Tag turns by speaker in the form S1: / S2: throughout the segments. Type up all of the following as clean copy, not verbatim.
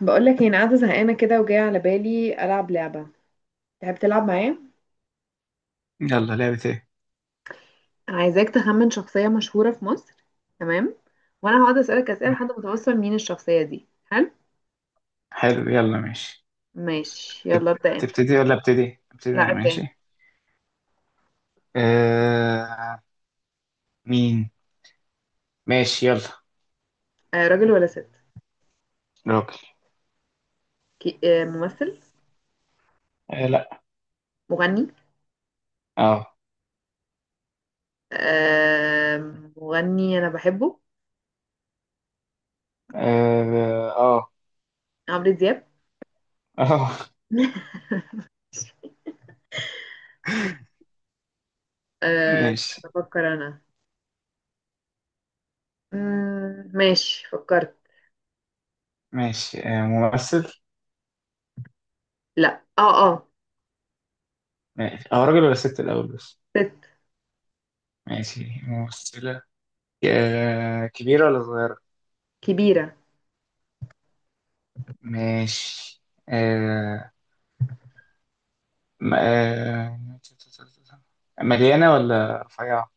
S1: بقول لك انا قاعده زهقانه كده وجايه على بالي العب لعبه. تحب تلعب معايا؟
S2: يلا لعبة ايه؟
S1: عايزاك تخمن شخصيه مشهوره في مصر. تمام. وانا هقعد اسالك اسئله لحد ما توصل مين الشخصيه دي. حلو؟
S2: حلو يلا ماشي.
S1: ماشي.
S2: تب-
S1: يلا ابدا انت.
S2: تبتدي ولا ابتدي؟ ابتدي
S1: لا،
S2: انا
S1: ابدا انت.
S2: ماشي. آه، مين؟ ماشي يلا.
S1: راجل ولا ست؟
S2: راجل.
S1: كي... آه ممثل؟
S2: آه لا.
S1: مغني؟
S2: اه
S1: آه مغني انا بحبه.
S2: اه اه.
S1: عمرو دياب.
S2: آه.
S1: استنى
S2: ماشي
S1: افكر انا. ماشي فكرت.
S2: ماشي. آه ممثل.
S1: لا، اه.
S2: ماشي اه، راجل ولا ست الاول بس؟
S1: ست.
S2: ماشي ممثلة. آه كبيرة ولا صغيرة؟
S1: كبيره.
S2: ماشي. آه. م- آه مليانة ولا رفيعة؟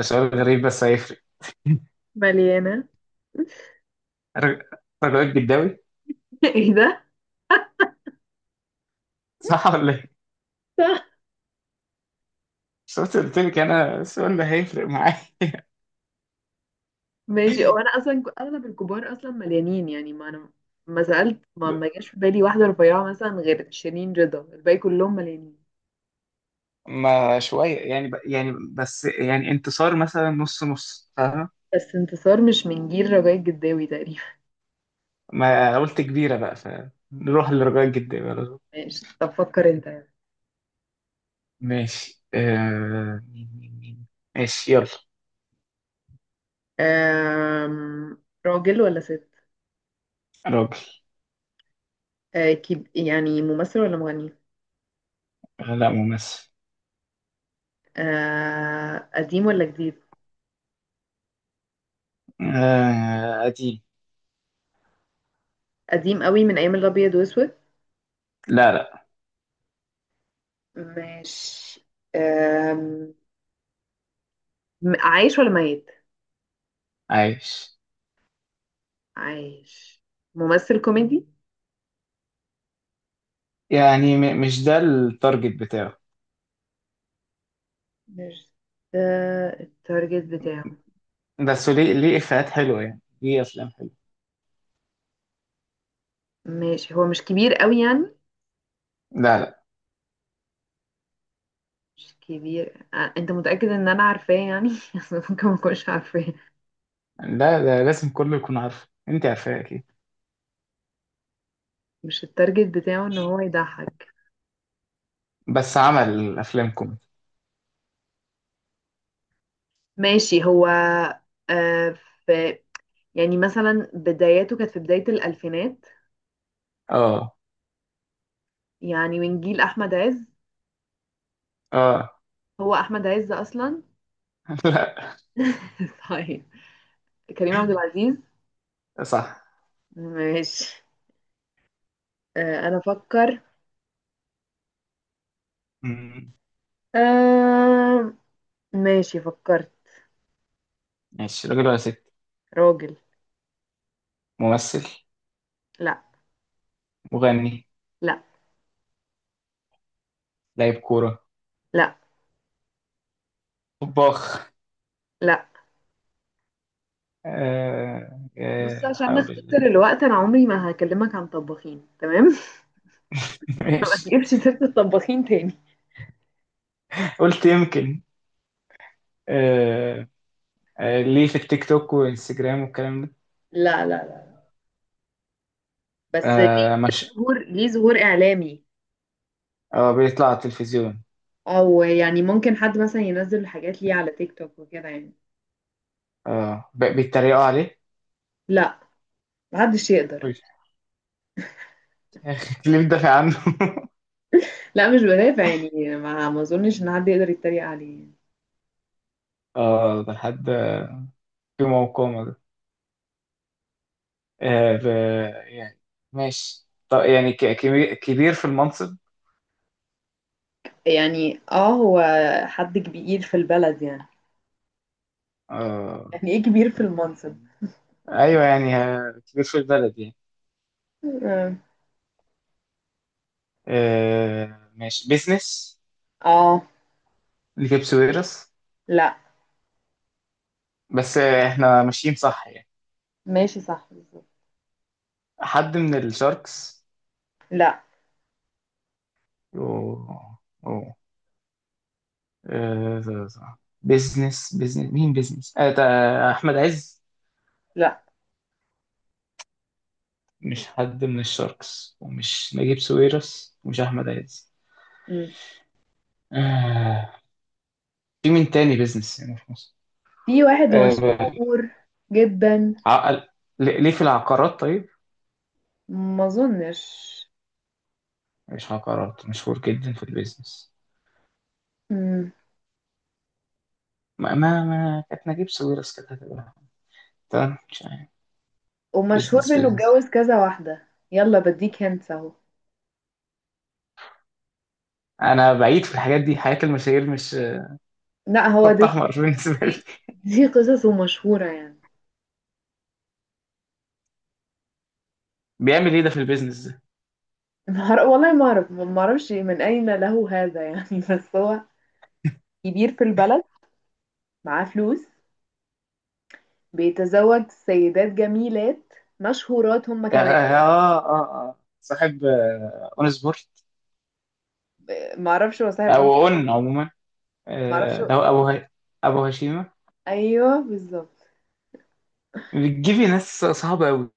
S2: سؤال غريب بس هيفرق.
S1: مليانه.
S2: رج- رجاء الجداوي.
S1: ايه ده؟
S2: صح ولا ايه؟ بس أنت قلت لك انا السؤال ده هيفرق معايا.
S1: ماشي، هو انا اصلا اغلب الكبار اصلا مليانين يعني. ما انا ما سالت، ما جاش في بالي واحده رفيعه مثلا غير شيرين رضا. الباقي كلهم مليانين.
S2: ما شويه يعني بس يعني انتصار مثلا نص نص فاهمة؟
S1: بس انتصار مش من جيل رجاء الجداوي تقريبا.
S2: ما قلت كبيره بقى فنروح لرجاء الجداوي على طول.
S1: ماشي، طب فكر انت يعني.
S2: ماشي. مين؟ ماشي يلا.
S1: راجل ولا ست؟
S2: راجل.
S1: يعني ممثل ولا مغني؟
S2: لا ممثل.
S1: قديم ولا جديد؟
S2: قديم.
S1: قديم قوي من ايام الابيض واسود؟
S2: لا لا.
S1: ماشي. أم... عايش ولا ميت؟
S2: عايش.
S1: عايش. ممثل كوميدي؟
S2: يعني مش ده التارجت بتاعه.
S1: مش ده التارجت بتاعه.
S2: بس ليه؟ ليه افيهات حلوه؟ يعني ليه افلام حلوه.
S1: ماشي، هو مش كبير قوي يعني؟
S2: لا لا.
S1: مش كبير. آه، انت متأكد ان انا عارفاه يعني؟ اصل ممكن ما اكونش عارفاه.
S2: لا ده لازم كله يكون عارفه، انت عارفاه اكيد.
S1: مش التارجت بتاعه ان هو يضحك؟
S2: بس عمل افلام كوميدي.
S1: ماشي. هو آه في يعني مثلا بداياته كانت في بداية الألفينات.
S2: اه
S1: يعني من جيل أحمد عز؟
S2: اه.
S1: هو أحمد عز أصلا؟ طيب. كريم عبد العزيز؟
S2: لا صح.
S1: ماشي. أنا أفكر.
S2: مم.
S1: آه ماشي فكرت.
S2: ماشي. راجل ولا ست؟
S1: راجل.
S2: ممثل.
S1: لا.
S2: مغني.
S1: لا.
S2: لاعب كورة.
S1: لا.
S2: طباخ.
S1: لا.
S2: آه
S1: بص،
S2: آه
S1: عشان
S2: حول
S1: نختصر
S2: الله.
S1: الوقت، انا عمري ما هكلمك عن طباخين. تمام؟ ما
S2: ماشي
S1: تجيبش سيرة الطباخين تاني.
S2: قلت يمكن. آه آه، ليه في التيك توك وانستجرام والكلام ده؟
S1: لا لا لا. بس ليه؟
S2: آه
S1: ليه
S2: مش
S1: ظهور؟ ليه ظهور اعلامي؟
S2: اه بيطلع على التلفزيون.
S1: او يعني ممكن حد مثلا ينزل حاجات ليه على تيك توك وكده يعني؟
S2: اه بيتريقوا عليه.
S1: لا، محدش يقدر.
S2: يا اخي ليه بتدافع عنه؟
S1: لا، مش بدافع يعني. ما اظنش ان حد يقدر يتريق عليه.
S2: اه ده حد في موقعه. آه ب... يعني ماشي. طب يعني كبير كبير في المنصب؟
S1: يعني هو حد كبير في البلد يعني.
S2: آه
S1: يعني ايه كبير في المنصب؟
S2: ايوه يعني، آه، كبير في البلد يعني.
S1: اه.
S2: آه ماشي، بيزنس.
S1: آه،
S2: لجيبس ويرس؟
S1: لا.
S2: بس آه احنا ماشيين صح يعني.
S1: ماشي صح بالظبط.
S2: حد من الشاركس؟
S1: لا
S2: و... و... آه بيزنس بيزنس، مين بيزنس آه ده؟ احمد عز.
S1: لا.
S2: مش حد من الشاركس ومش نجيب ساويرس ومش احمد عز. آه في مين تاني بيزنس هنا في مصر؟
S1: في واحد
S2: آه،
S1: مشهور جدا.
S2: عقل. ليه ليه في العقارات طيب؟
S1: ما اظنش.
S2: مش عقارات؟ مشهور جدا في البيزنس.
S1: مم.
S2: ما كانت نجيب ساويرس كده هتبقى. تمام، مش عارف.
S1: ومشهور
S2: بيزنس
S1: بانه
S2: بيزنس.
S1: اتجوز كذا واحده. يلا بديك هنت اهو.
S2: انا بعيد في الحاجات دي، حياة المشاهير مش
S1: لا، هو
S2: خط
S1: دي.
S2: احمر
S1: دي
S2: بالنسبة لي.
S1: دي, دي قصصه مشهوره يعني.
S2: بيعمل ايه ده في البيزنس ده؟
S1: ما أعرف- والله ما اعرف، ما اعرفش من اين له هذا يعني. بس هو كبير في البلد، معاه فلوس، بيتزوج سيدات جميلات، مشهورات هم
S2: يعني
S1: كمان.
S2: صاحب آه، اون سبورت.
S1: آه، ما اعرفش. هو صاحب
S2: او
S1: أنثى.
S2: اون عموما.
S1: ما اعرفش
S2: آه،
S1: هو-
S2: ده هو ابو هشيمة.
S1: ايوه بالظبط.
S2: بتجيبي ناس صعبة قوي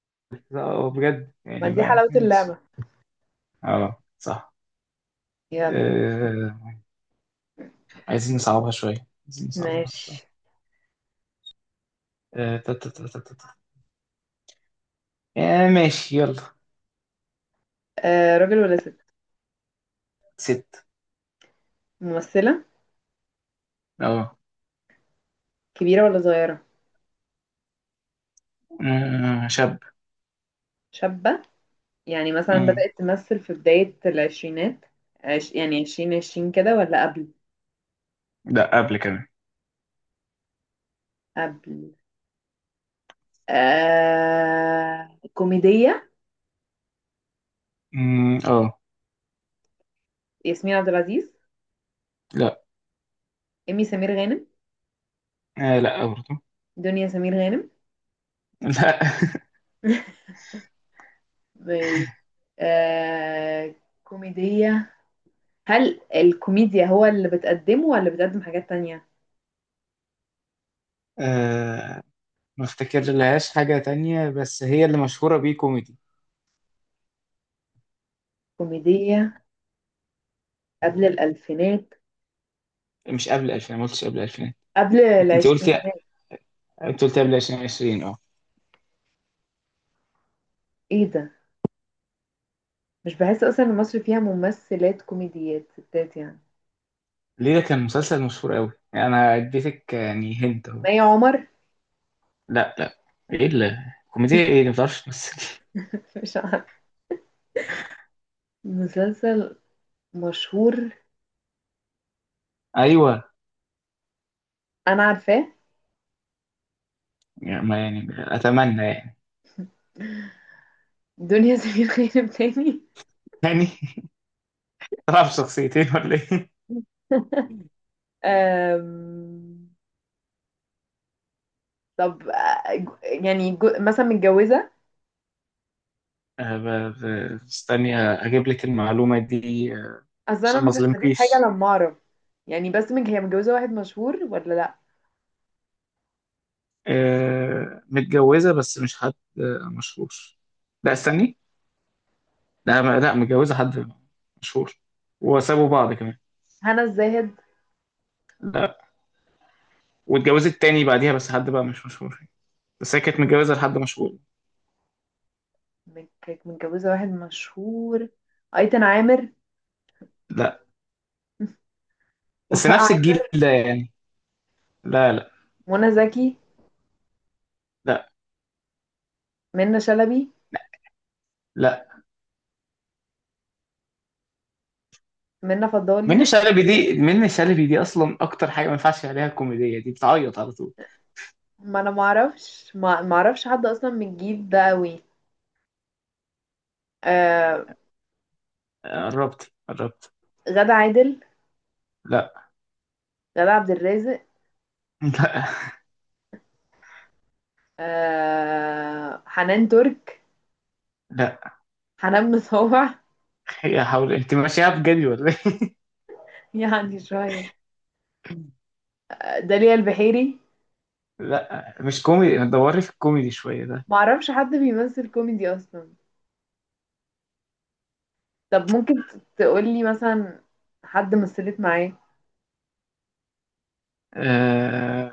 S2: بجد
S1: ما
S2: يعني،
S1: دي
S2: ما
S1: حلاوه
S2: ماشي.
S1: اللعبه.
S2: اه صح.
S1: يلا.
S2: آه، عايزين نصعبها شوية، عايزين نصعبها
S1: ماشي.
S2: شوية. آه، تا- تا- تا- تا- تا- تا. آه، ماشي يلا.
S1: راجل ولا ست؟
S2: ست.
S1: ممثلة.
S2: اه
S1: كبيرة ولا صغيرة؟
S2: آه، شاب.
S1: شابة. يعني مثلا
S2: آه.
S1: بدأت تمثل في بداية العشرينات. يعني 2020 كده ولا قبل؟
S2: لا قبل كمان.
S1: قبل. كوميدية.
S2: مم، اه.
S1: ياسمين عبد العزيز؟
S2: لا.
S1: إيمي سمير غانم؟
S2: آه، لا برضه.
S1: دنيا سمير غانم؟
S2: لا.
S1: مش آه كوميدية. هل الكوميديا هو اللي بتقدمه ولا بتقدم حاجات تانية؟
S2: آه، ما افتكر لهاش حاجة تانية، بس هي اللي مشهورة بيه كوميدي.
S1: كوميدية قبل الألفينات.
S2: مش قبل 2000، ما قلتش قبل 2000.
S1: قبل
S2: انت قلتي،
S1: العشرينات.
S2: انت قلتي قبل 2020. اه
S1: ايه ده؟ مش بحس اصلا ان مصر فيها ممثلات كوميديات ستات يعني.
S2: ليه ده كان مسلسل مشهور قوي، انا اديتك يعني هنت اهو.
S1: مي عمر؟
S2: لا لا. ايه اللي؟ كوميديا ايه اللي ما بتعرفش تمثل؟
S1: مش عارف. مسلسل مشهور
S2: ايوه
S1: انا عارفاه.
S2: يعني، ما يعني اتمنى يعني.
S1: دنيا سمير غانم تاني.
S2: تاني. طلع بشخصيتين ولا ايه؟
S1: أم... طب آه، مثلا متجوزة.
S2: آه، استني آه، اجيب لك المعلومه دي آه،
S1: اصل انا
S2: عشان ما
S1: مش هستفيد حاجة
S2: اظلمكيش.
S1: لما اعرف. يعني بس من هي متجوزة واحد مشهور ولا لا؟
S2: آه، متجوزه بس مش حد آه، مشهور. لا استني. لا لا متجوزه حد مشهور، وسابوا بعض كمان.
S1: هنا الزاهد؟
S2: لا، واتجوزت تاني بعديها بس حد بقى مش مشهور، بس هي كانت متجوزه لحد مشهور.
S1: كانت متجوزة واحد مشهور. ايتن عامر؟
S2: لا بس
S1: وفاء
S2: نفس
S1: عامر؟
S2: الجيل ده يعني. لا لا.
S1: منى زكي؟
S2: لا
S1: منى شلبي؟
S2: لا.
S1: منى
S2: منة
S1: فضالي؟
S2: شلبي دي، منة شلبي دي اصلا اكتر حاجه ما ينفعش عليها الكوميديه دي، بتعيط على طول.
S1: ما انا معرفش. ما اعرفش حد اصلا من الجيل ده قوي. آه.
S2: آه، قربت قربت.
S1: غادة عادل؟
S2: لا
S1: غادة عبد الرازق؟
S2: لا.
S1: حنان ترك؟
S2: لا
S1: حنان مطاوع؟
S2: هي، حاول انت ماشيها بجد ولا ايه؟
S1: يعني شوية. آه، داليا البحيري؟
S2: لا مش كوميدي، ما تدوري في الكوميدي شويه ده.
S1: ما اعرفش حد بيمثل كوميدي اصلا. طب ممكن تقولي مثلا حد مثلت معاه؟
S2: آه...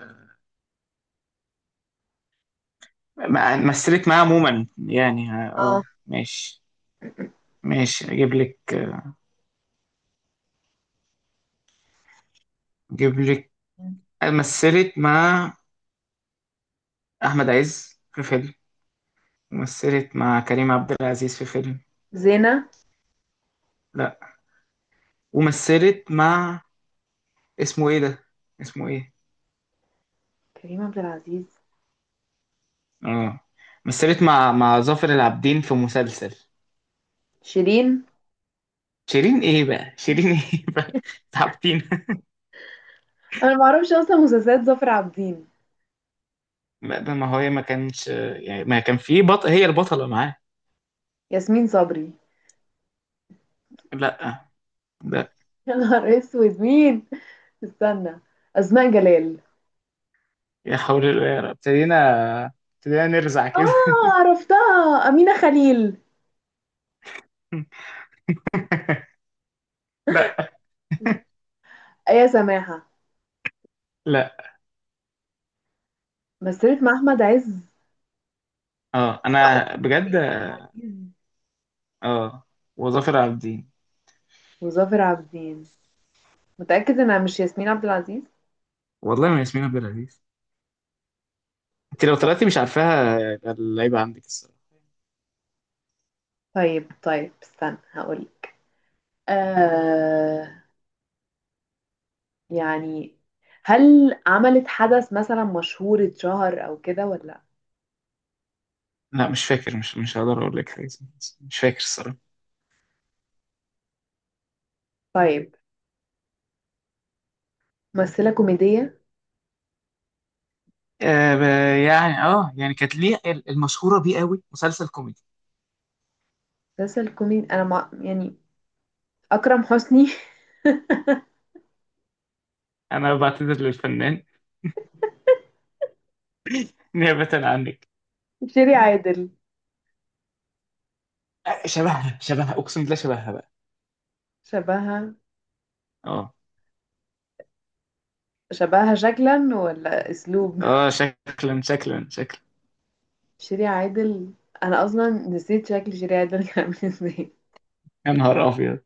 S2: مثلت معاه عموما يعني اه
S1: اه.
S2: آه، ماشي. ماشي اجيب لك، اجيب لك. مثلت مع احمد عز في فيلم، ومثلت مع كريم عبد العزيز في فيلم.
S1: زينة؟
S2: لا. ومثلت مع، اسمه ايه ده، اسمه ايه.
S1: كريم عبد العزيز.
S2: اه مثلت مع ظافر العابدين في مسلسل.
S1: شيرين؟
S2: شيرين ايه بقى، شيرين ايه بقى؟ تعبتين.
S1: انا ما اعرفش اصلا مسلسلات ظافر عابدين.
S2: ما ما هو هي ما كانش يعني ما كان في هي البطلة معاه.
S1: ياسمين صبري؟
S2: لا لا.
S1: يا نهار اسود مين. استنى. اسماء جلال؟
S2: يا حول الله يا رب، ابتدينا، ابتدينا نرزع كده.
S1: اه عرفتها، أمينة خليل؟
S2: لا
S1: يا سماحة.
S2: لا.
S1: مثلت مع أحمد عز
S2: اه انا
S1: ومع
S2: بجد.
S1: كريم عبد العزيز
S2: اه وظافر العابدين.
S1: وظافر عابدين. متأكد إنها مش ياسمين عبد العزيز؟
S2: والله ما ياسمين عبد العزيز. انت لو طلعتي مش عارفاها يبقى اللعيبة عندك الصراحة.
S1: طيب طيب طيب، استنى هقولك. آه يعني هل عملت حدث مثلا مشهور، اتشهر أو كده ولا لأ؟
S2: لا مش فاكر، مش هقدر اقول لك حاجة اسمها. مش فاكر الصراحة.
S1: طيب، ممثلة كوميدية.
S2: آه، يعني اه يعني كانت ليه المشهوره بيه قوي مسلسل كوميدي.
S1: مسلسل كوميدي. يعني أكرم حسني؟
S2: انا بعتذر للفنان نيابه عنك.
S1: شيري عادل؟
S2: آه، شبهها شبهها اقسم بالله، شبهها بقى.
S1: شبهها.
S2: اه
S1: شبهها شكلا ولا أسلوب؟
S2: اه شكلا شكلا شكلا.
S1: شيري عادل. انا اصلا نسيت شكل شيري عادل كان عامل ازاي.
S2: يا نهار ابيض.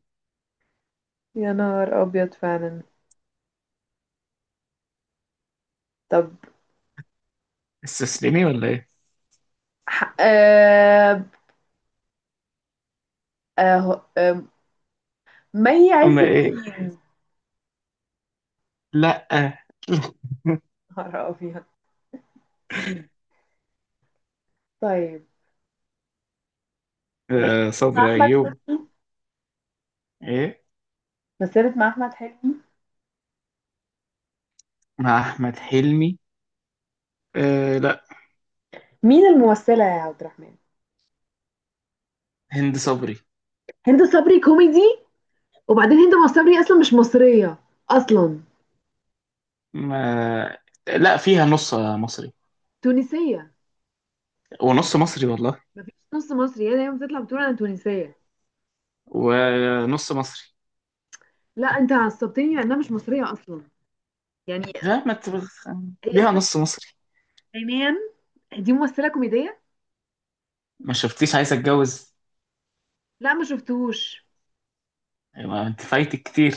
S1: يا نهار ابيض فعلا. طب.
S2: استسلمي ولا ايه؟
S1: ح... آه... آه... آه... ما هي عز
S2: اما ايه.
S1: الدين.
S2: لا.
S1: نهار ابيض. طيب. مسيرة
S2: آه،
S1: مع
S2: صبري
S1: احمد
S2: ايوب؟
S1: حلمي.
S2: ايه،
S1: مسيرة مع احمد حلمي.
S2: مع احمد حلمي؟ آه لا.
S1: مين الممثلة يا عبد الرحمن؟
S2: هند صبري.
S1: هند صبري؟ كوميدي؟ وبعدين هند صبري اصلا مش مصريه اصلا،
S2: ما لا فيها نص مصري
S1: تونسيه.
S2: ونص مصري والله،
S1: مفيش نص مصري، هي دايما بتطلع بتقول انا تونسيه.
S2: ونص مصري.
S1: لا انت عصبتني لانها مش مصريه اصلا يعني.
S2: مش عارف، ما ت-
S1: هي
S2: ليها
S1: بت-
S2: نص مصري.
S1: عينيا. دي ممثلة كوميدية؟
S2: ما شفتيش عايز اتجوز.
S1: لا ما شفتهوش.
S2: ايوه انت فايتك كتير.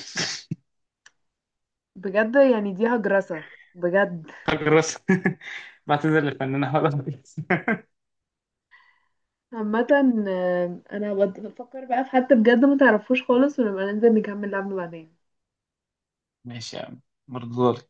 S1: بجد يعني دي هجرسة. بجد.
S2: حاجة راسك. بعتذر للفنانة هدى رئيس.
S1: عامة، آه، انا بفكر بقى في حد بجد ما تعرفوش خالص، ونبقى ننزل نكمل لعبنا بعدين.
S2: ماشي يا عم برضه.